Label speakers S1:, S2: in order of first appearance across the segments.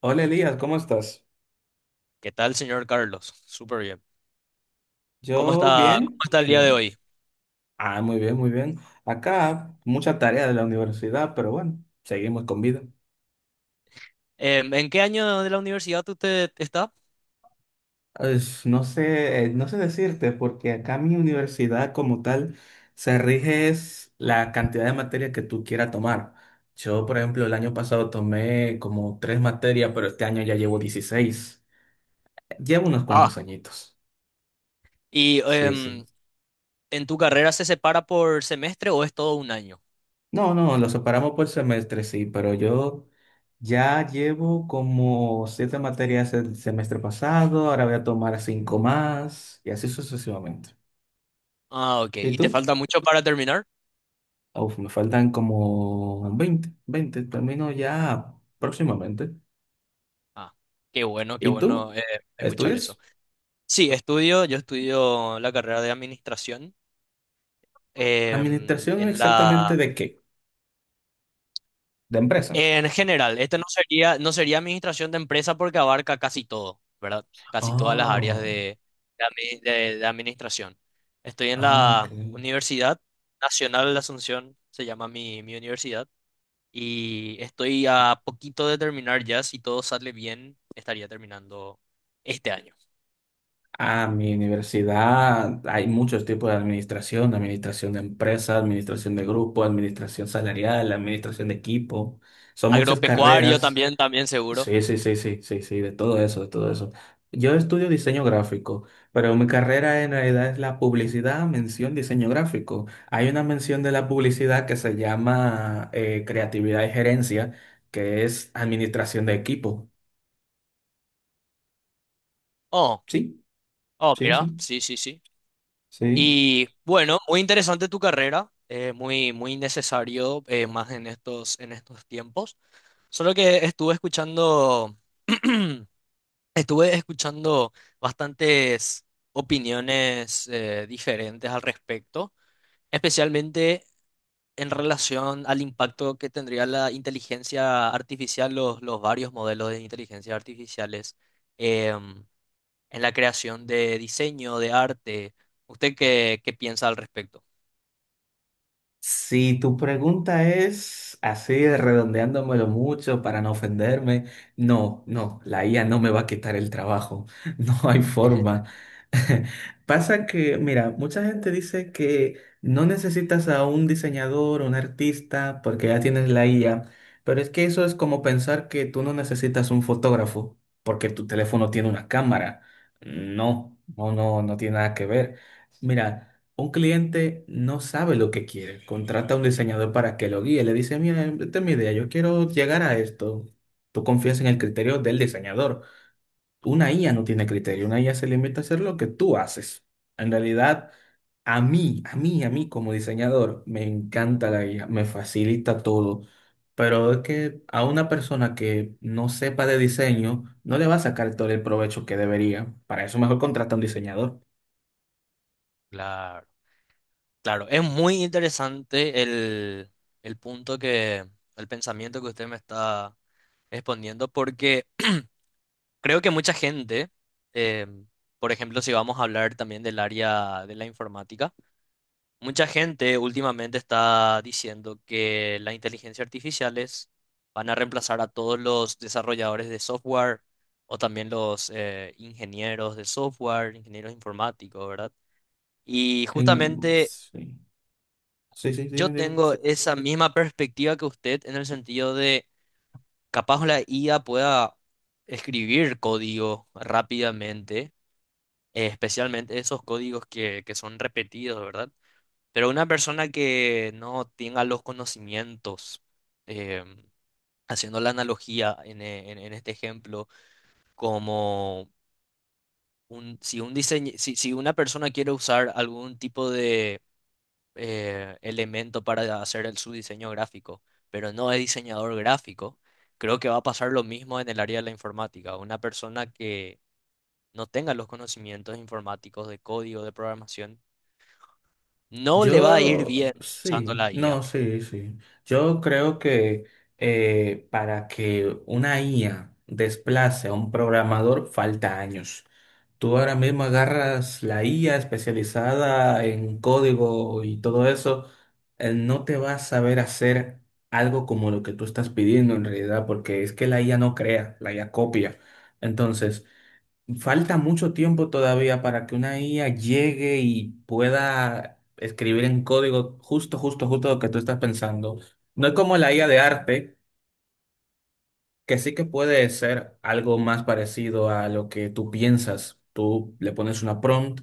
S1: Hola Elías, ¿cómo estás?
S2: ¿Qué tal, señor Carlos? Súper bien.
S1: Yo
S2: Cómo
S1: bien,
S2: está el día de
S1: bien.
S2: hoy?
S1: Ah, muy bien, muy bien. Acá mucha tarea de la universidad, pero bueno, seguimos con vida.
S2: ¿En qué año de la universidad usted está?
S1: No sé decirte, porque acá mi universidad como tal se rige es la cantidad de materia que tú quieras tomar. Yo, por ejemplo, el año pasado tomé como tres materias, pero este año ya llevo 16. Llevo unos
S2: Ah,
S1: cuantos añitos.
S2: ¿y
S1: Sí, sí.
S2: en tu carrera se separa por semestre o es todo un año?
S1: No, no, lo separamos por semestre, sí, pero yo ya llevo como siete materias el semestre pasado, ahora voy a tomar cinco más y así sucesivamente.
S2: Ah, ok.
S1: ¿Y
S2: ¿Y te
S1: tú?
S2: falta mucho para terminar?
S1: Uf, me faltan como 20, 20 termino ya próximamente.
S2: Ah, qué bueno, qué
S1: ¿Y
S2: bueno,
S1: tú?
S2: escuchar eso.
S1: ¿Estudias?
S2: Sí, estudio, yo estudio la carrera de administración
S1: ¿Administración
S2: en
S1: exactamente
S2: la.
S1: de qué? ¿De empresa?
S2: En general, este no sería, no sería administración de empresa porque abarca casi todo, ¿verdad? Casi todas las áreas
S1: Oh,
S2: de, de administración. Estoy en
S1: ah, ok.
S2: la Universidad Nacional de Asunción, se llama mi, mi universidad, y estoy a poquito de terminar ya, si todo sale bien, estaría terminando este año.
S1: A mi universidad hay muchos tipos de administración, administración de empresas, administración de grupo, administración salarial, administración de equipo. Son muchas
S2: Agropecuario
S1: carreras.
S2: también, también seguro.
S1: Sí, sí, sí, sí, sí, sí, de todo eso, de todo eso. Yo estudio diseño gráfico, pero mi carrera en realidad es la publicidad, mención, diseño gráfico. Hay una mención de la publicidad que se llama creatividad y gerencia, que es administración de equipo.
S2: Oh,
S1: Sí,
S2: oh,
S1: sí,
S2: mira,
S1: sí,
S2: sí, sí, sí.
S1: sí.
S2: Y bueno, muy interesante tu carrera, muy, muy necesario, más en estos tiempos. Solo que estuve escuchando, estuve escuchando bastantes opiniones, diferentes al respecto, especialmente en relación al impacto que tendría la inteligencia artificial, los varios modelos de inteligencia artificiales, em, en la creación de diseño, de arte. ¿Usted qué, qué piensa al respecto?
S1: Si tu pregunta es así, redondeándomelo mucho para no ofenderme, no, no, la IA no me va a quitar el trabajo, no hay forma. Pasa que, mira, mucha gente dice que no necesitas a un diseñador o un artista porque ya tienes la IA, pero es que eso es como pensar que tú no necesitas un fotógrafo porque tu teléfono tiene una cámara. No, no, no, no tiene nada que ver. Mira. Un cliente no sabe lo que quiere, contrata a un diseñador para que lo guíe, le dice, mira, esta es mi idea, yo quiero llegar a esto. Tú confías en el criterio del diseñador. Una IA no tiene criterio, una IA se limita a hacer lo que tú haces. En realidad, a mí como diseñador, me encanta la IA, me facilita todo, pero es que a una persona que no sepa de diseño, no le va a sacar todo el provecho que debería. Para eso mejor contrata a un diseñador.
S2: Claro, claro. Es muy interesante el punto que, el pensamiento que usted me está exponiendo, porque creo que mucha gente, eh, por ejemplo, si vamos a hablar también del área de la informática, mucha gente últimamente está diciendo que las inteligencias artificiales van a reemplazar a todos los desarrolladores de software o también los, ingenieros de software, ingenieros informáticos, ¿verdad? Y justamente
S1: Sí. Sí, sí,
S2: yo
S1: dime, dime.
S2: tengo esa misma perspectiva que usted en el sentido de capaz la IA pueda escribir código rápidamente, especialmente esos códigos que son repetidos, ¿verdad? Pero una persona que no tenga los conocimientos, eh, haciendo la analogía en, en este ejemplo, como un, si, un si, si una persona quiere usar algún tipo de, elemento para hacer el, su diseño gráfico, pero no es diseñador gráfico, creo que va a pasar lo mismo en el área de la informática. Una persona que no tenga los conocimientos informáticos de código, de programación, no le va a ir
S1: Yo,
S2: bien usando
S1: sí,
S2: la
S1: no,
S2: IA.
S1: sí, sí. Yo creo que para que una IA desplace a un programador falta años. Tú ahora mismo agarras la IA especializada en código y todo eso, no te va a saber hacer algo como lo que tú estás pidiendo en realidad, porque es que la IA no crea, la IA copia. Entonces, falta mucho tiempo todavía para que una IA llegue y pueda escribir en código justo, justo, justo lo que tú estás pensando. No es como la IA de arte, que sí que puede ser algo más parecido a lo que tú piensas. Tú le pones una prompt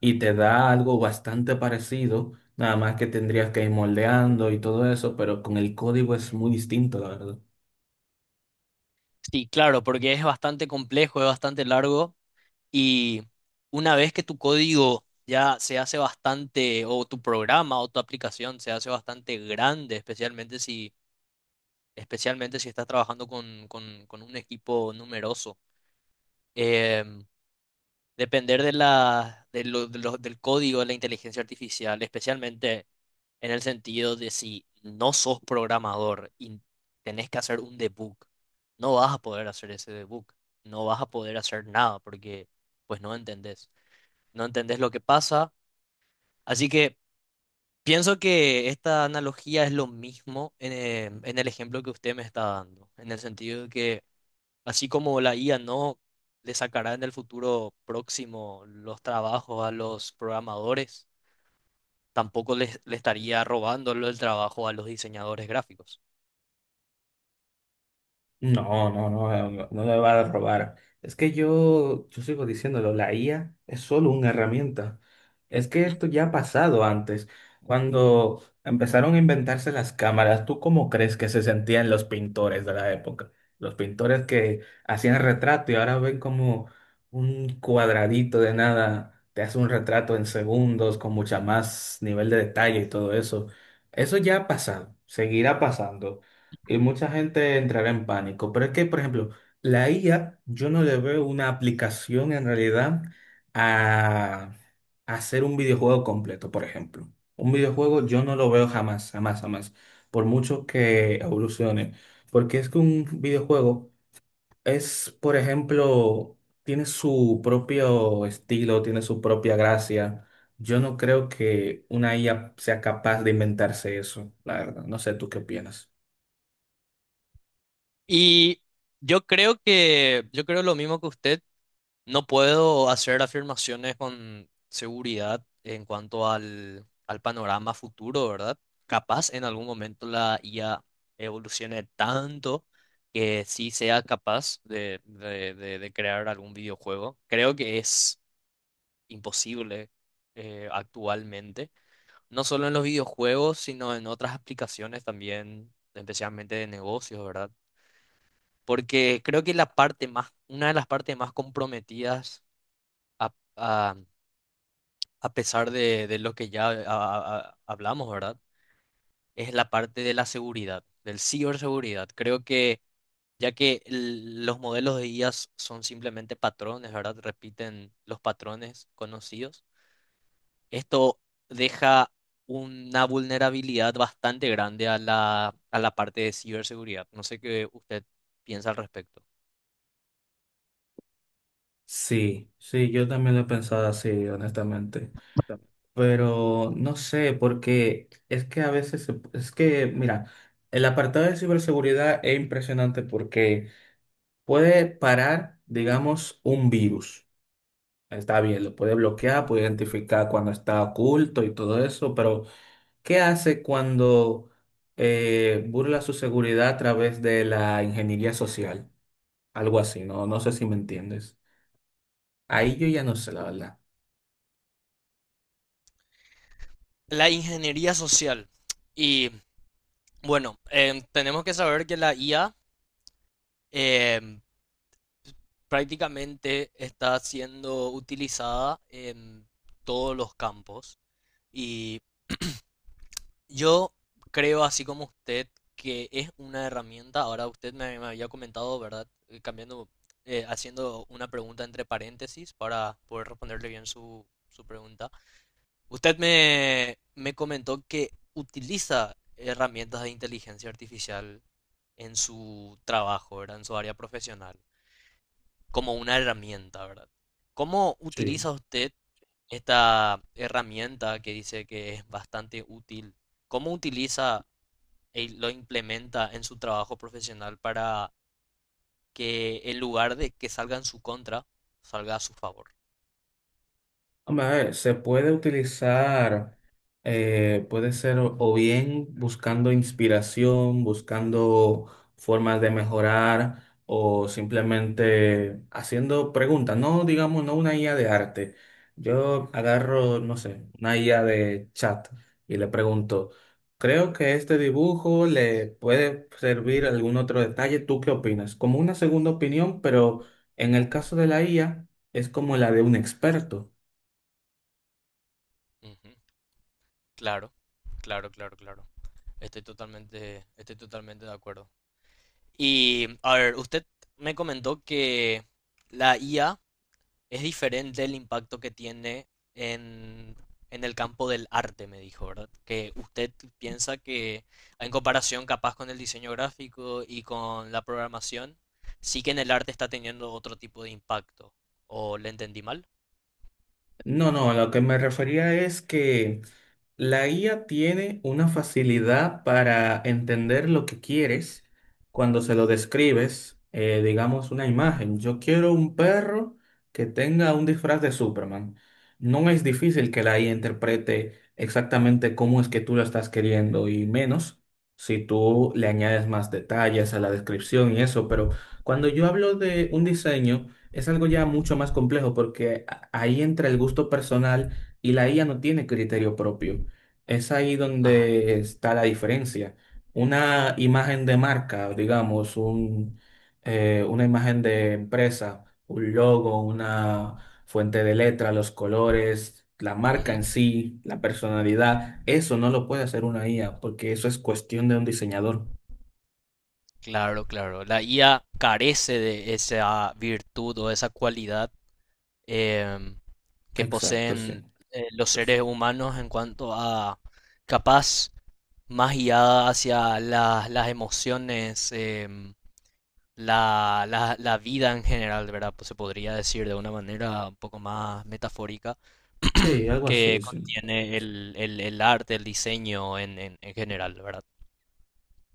S1: y te da algo bastante parecido, nada más que tendrías que ir moldeando y todo eso, pero con el código es muy distinto, la verdad.
S2: Sí, claro, porque es bastante complejo, es bastante largo y una vez que tu código ya se hace bastante, o tu programa o tu aplicación se hace bastante grande, especialmente si estás trabajando con, con un equipo numeroso. Em, Depender de la, del código de la inteligencia artificial, especialmente en el sentido de si no sos programador y tenés que hacer un debug, no vas a poder hacer ese debug, no vas a poder hacer nada porque pues no entendés, no entendés lo que pasa. Así que pienso que esta analogía es lo mismo en, en el ejemplo que usted me está dando, en el sentido de que así como la IA no le sacará en el futuro próximo los trabajos a los programadores, tampoco le estaría robando el trabajo a los diseñadores gráficos.
S1: No, no, no, no, no me va a robar. Es que yo sigo diciéndolo, la IA es solo una herramienta. Es que
S2: ¿M?
S1: esto ya ha pasado antes. Cuando empezaron a inventarse las cámaras, ¿tú cómo crees que se sentían los pintores de la época? Los pintores que hacían retrato y ahora ven como un cuadradito de nada, te hace un retrato en segundos con mucha más nivel de detalle y todo eso. Eso ya ha pasado, seguirá pasando. Y mucha gente entrará en pánico. Pero es que, por ejemplo, la IA, yo no le veo una aplicación en realidad a, a hacer un videojuego completo, por ejemplo. Un videojuego yo no lo veo jamás, jamás, jamás, por mucho que evolucione. Porque es que un videojuego es, por ejemplo, tiene su propio estilo, tiene su propia gracia. Yo no creo que una IA sea capaz de inventarse eso, la verdad. No sé, ¿tú qué opinas?
S2: Y yo creo que, yo creo lo mismo que usted. No puedo hacer afirmaciones con seguridad en cuanto al, al panorama futuro, ¿verdad? Capaz en algún momento la IA evolucione tanto que sí sea capaz de, de crear algún videojuego. Creo que es imposible, actualmente, no solo en los videojuegos, sino en otras aplicaciones también, especialmente de negocios, ¿verdad? Porque creo que la parte más, una de las partes más comprometidas a a pesar de lo que ya hablamos, ¿verdad? Es la parte de la seguridad, del ciberseguridad. Creo que ya que los modelos de IA son simplemente patrones, ¿verdad? Repiten los patrones conocidos. Esto deja una vulnerabilidad bastante grande a la parte de ciberseguridad. No sé qué usted piensa al respecto.
S1: Sí, sí, yo también lo he pensado así, honestamente. Pero no sé, porque es que a veces, es que, mira, el apartado de ciberseguridad es impresionante porque puede parar, digamos, un virus. Está bien, lo puede bloquear, puede identificar cuando está oculto y todo eso, pero ¿qué hace cuando burla su seguridad a través de la ingeniería social? Algo así, ¿no? No sé si me entiendes. Ahí yo ya no sé, la verdad.
S2: La ingeniería social. Y bueno, tenemos que saber que la IA prácticamente está siendo utilizada en todos los campos y yo creo, así como usted, que es una herramienta. Ahora usted me, me había comentado, ¿verdad? Cambiando, haciendo una pregunta entre paréntesis para poder responderle bien su, su pregunta. Usted me, me comentó que utiliza herramientas de inteligencia artificial en su trabajo, ¿verdad? En su área profesional. Como una herramienta, ¿verdad? ¿Cómo
S1: Sí.
S2: utiliza usted esta herramienta que dice que es bastante útil? ¿Cómo utiliza y lo implementa en su trabajo profesional para que en lugar de que salga en su contra, salga a su favor?
S1: Hombre, a ver, se puede utilizar, puede ser o bien buscando inspiración, buscando formas de mejorar o simplemente haciendo preguntas, no digamos, no una IA de arte. Yo agarro, no sé, una IA de chat y le pregunto, creo que este dibujo le puede servir algún otro detalle, ¿tú qué opinas? Como una segunda opinión, pero en el caso de la IA es como la de un experto.
S2: Ujú. Claro, claro, claro, claro. Estoy totalmente de acuerdo. Y a ver, usted me comentó que la IA es diferente el impacto que tiene en, en el campo del arte, me dijo, ¿verdad? Que usted piensa que en comparación capaz con el diseño gráfico y con la programación, sí que en el arte está teniendo otro tipo de impacto. ¿O le entendí mal?
S1: No, no, a lo que me refería es que... La guía tiene una facilidad para entender lo que quieres cuando se lo describes, digamos, una imagen. Yo quiero un perro que tenga un disfraz de Superman. No es difícil que la IA interprete exactamente cómo es que tú lo estás queriendo y menos si tú le añades más detalles a la descripción y eso. Pero cuando yo hablo de un diseño, es algo ya mucho más complejo porque ahí entra el gusto personal y la IA no tiene criterio propio. Es ahí
S2: Ah,
S1: donde está la diferencia. Una imagen de marca, digamos, una imagen de empresa, un logo, una fuente de letra, los colores, la marca
S2: ujú.
S1: en sí, la personalidad, eso no lo puede hacer una IA porque eso es cuestión de un diseñador.
S2: Claro, claro. La IA carece de esa virtud o esa cualidad, em, que
S1: Exacto, sí.
S2: poseen, los seres humanos en cuanto a capaz más guiada hacia las emociones, la, la vida en general, ¿verdad? Pues se podría decir de una manera un poco más metafórica,
S1: Sí, algo
S2: que
S1: así, sí.
S2: contiene el, el arte, el diseño en, en general, ¿verdad?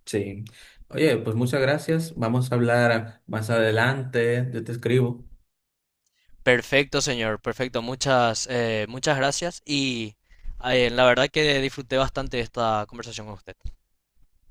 S1: Sí. Oye, pues muchas gracias. Vamos a hablar más adelante. Yo te escribo.
S2: Perfecto, señor, perfecto. Muchas, muchas gracias y, la verdad que disfruté bastante de esta conversación con usted.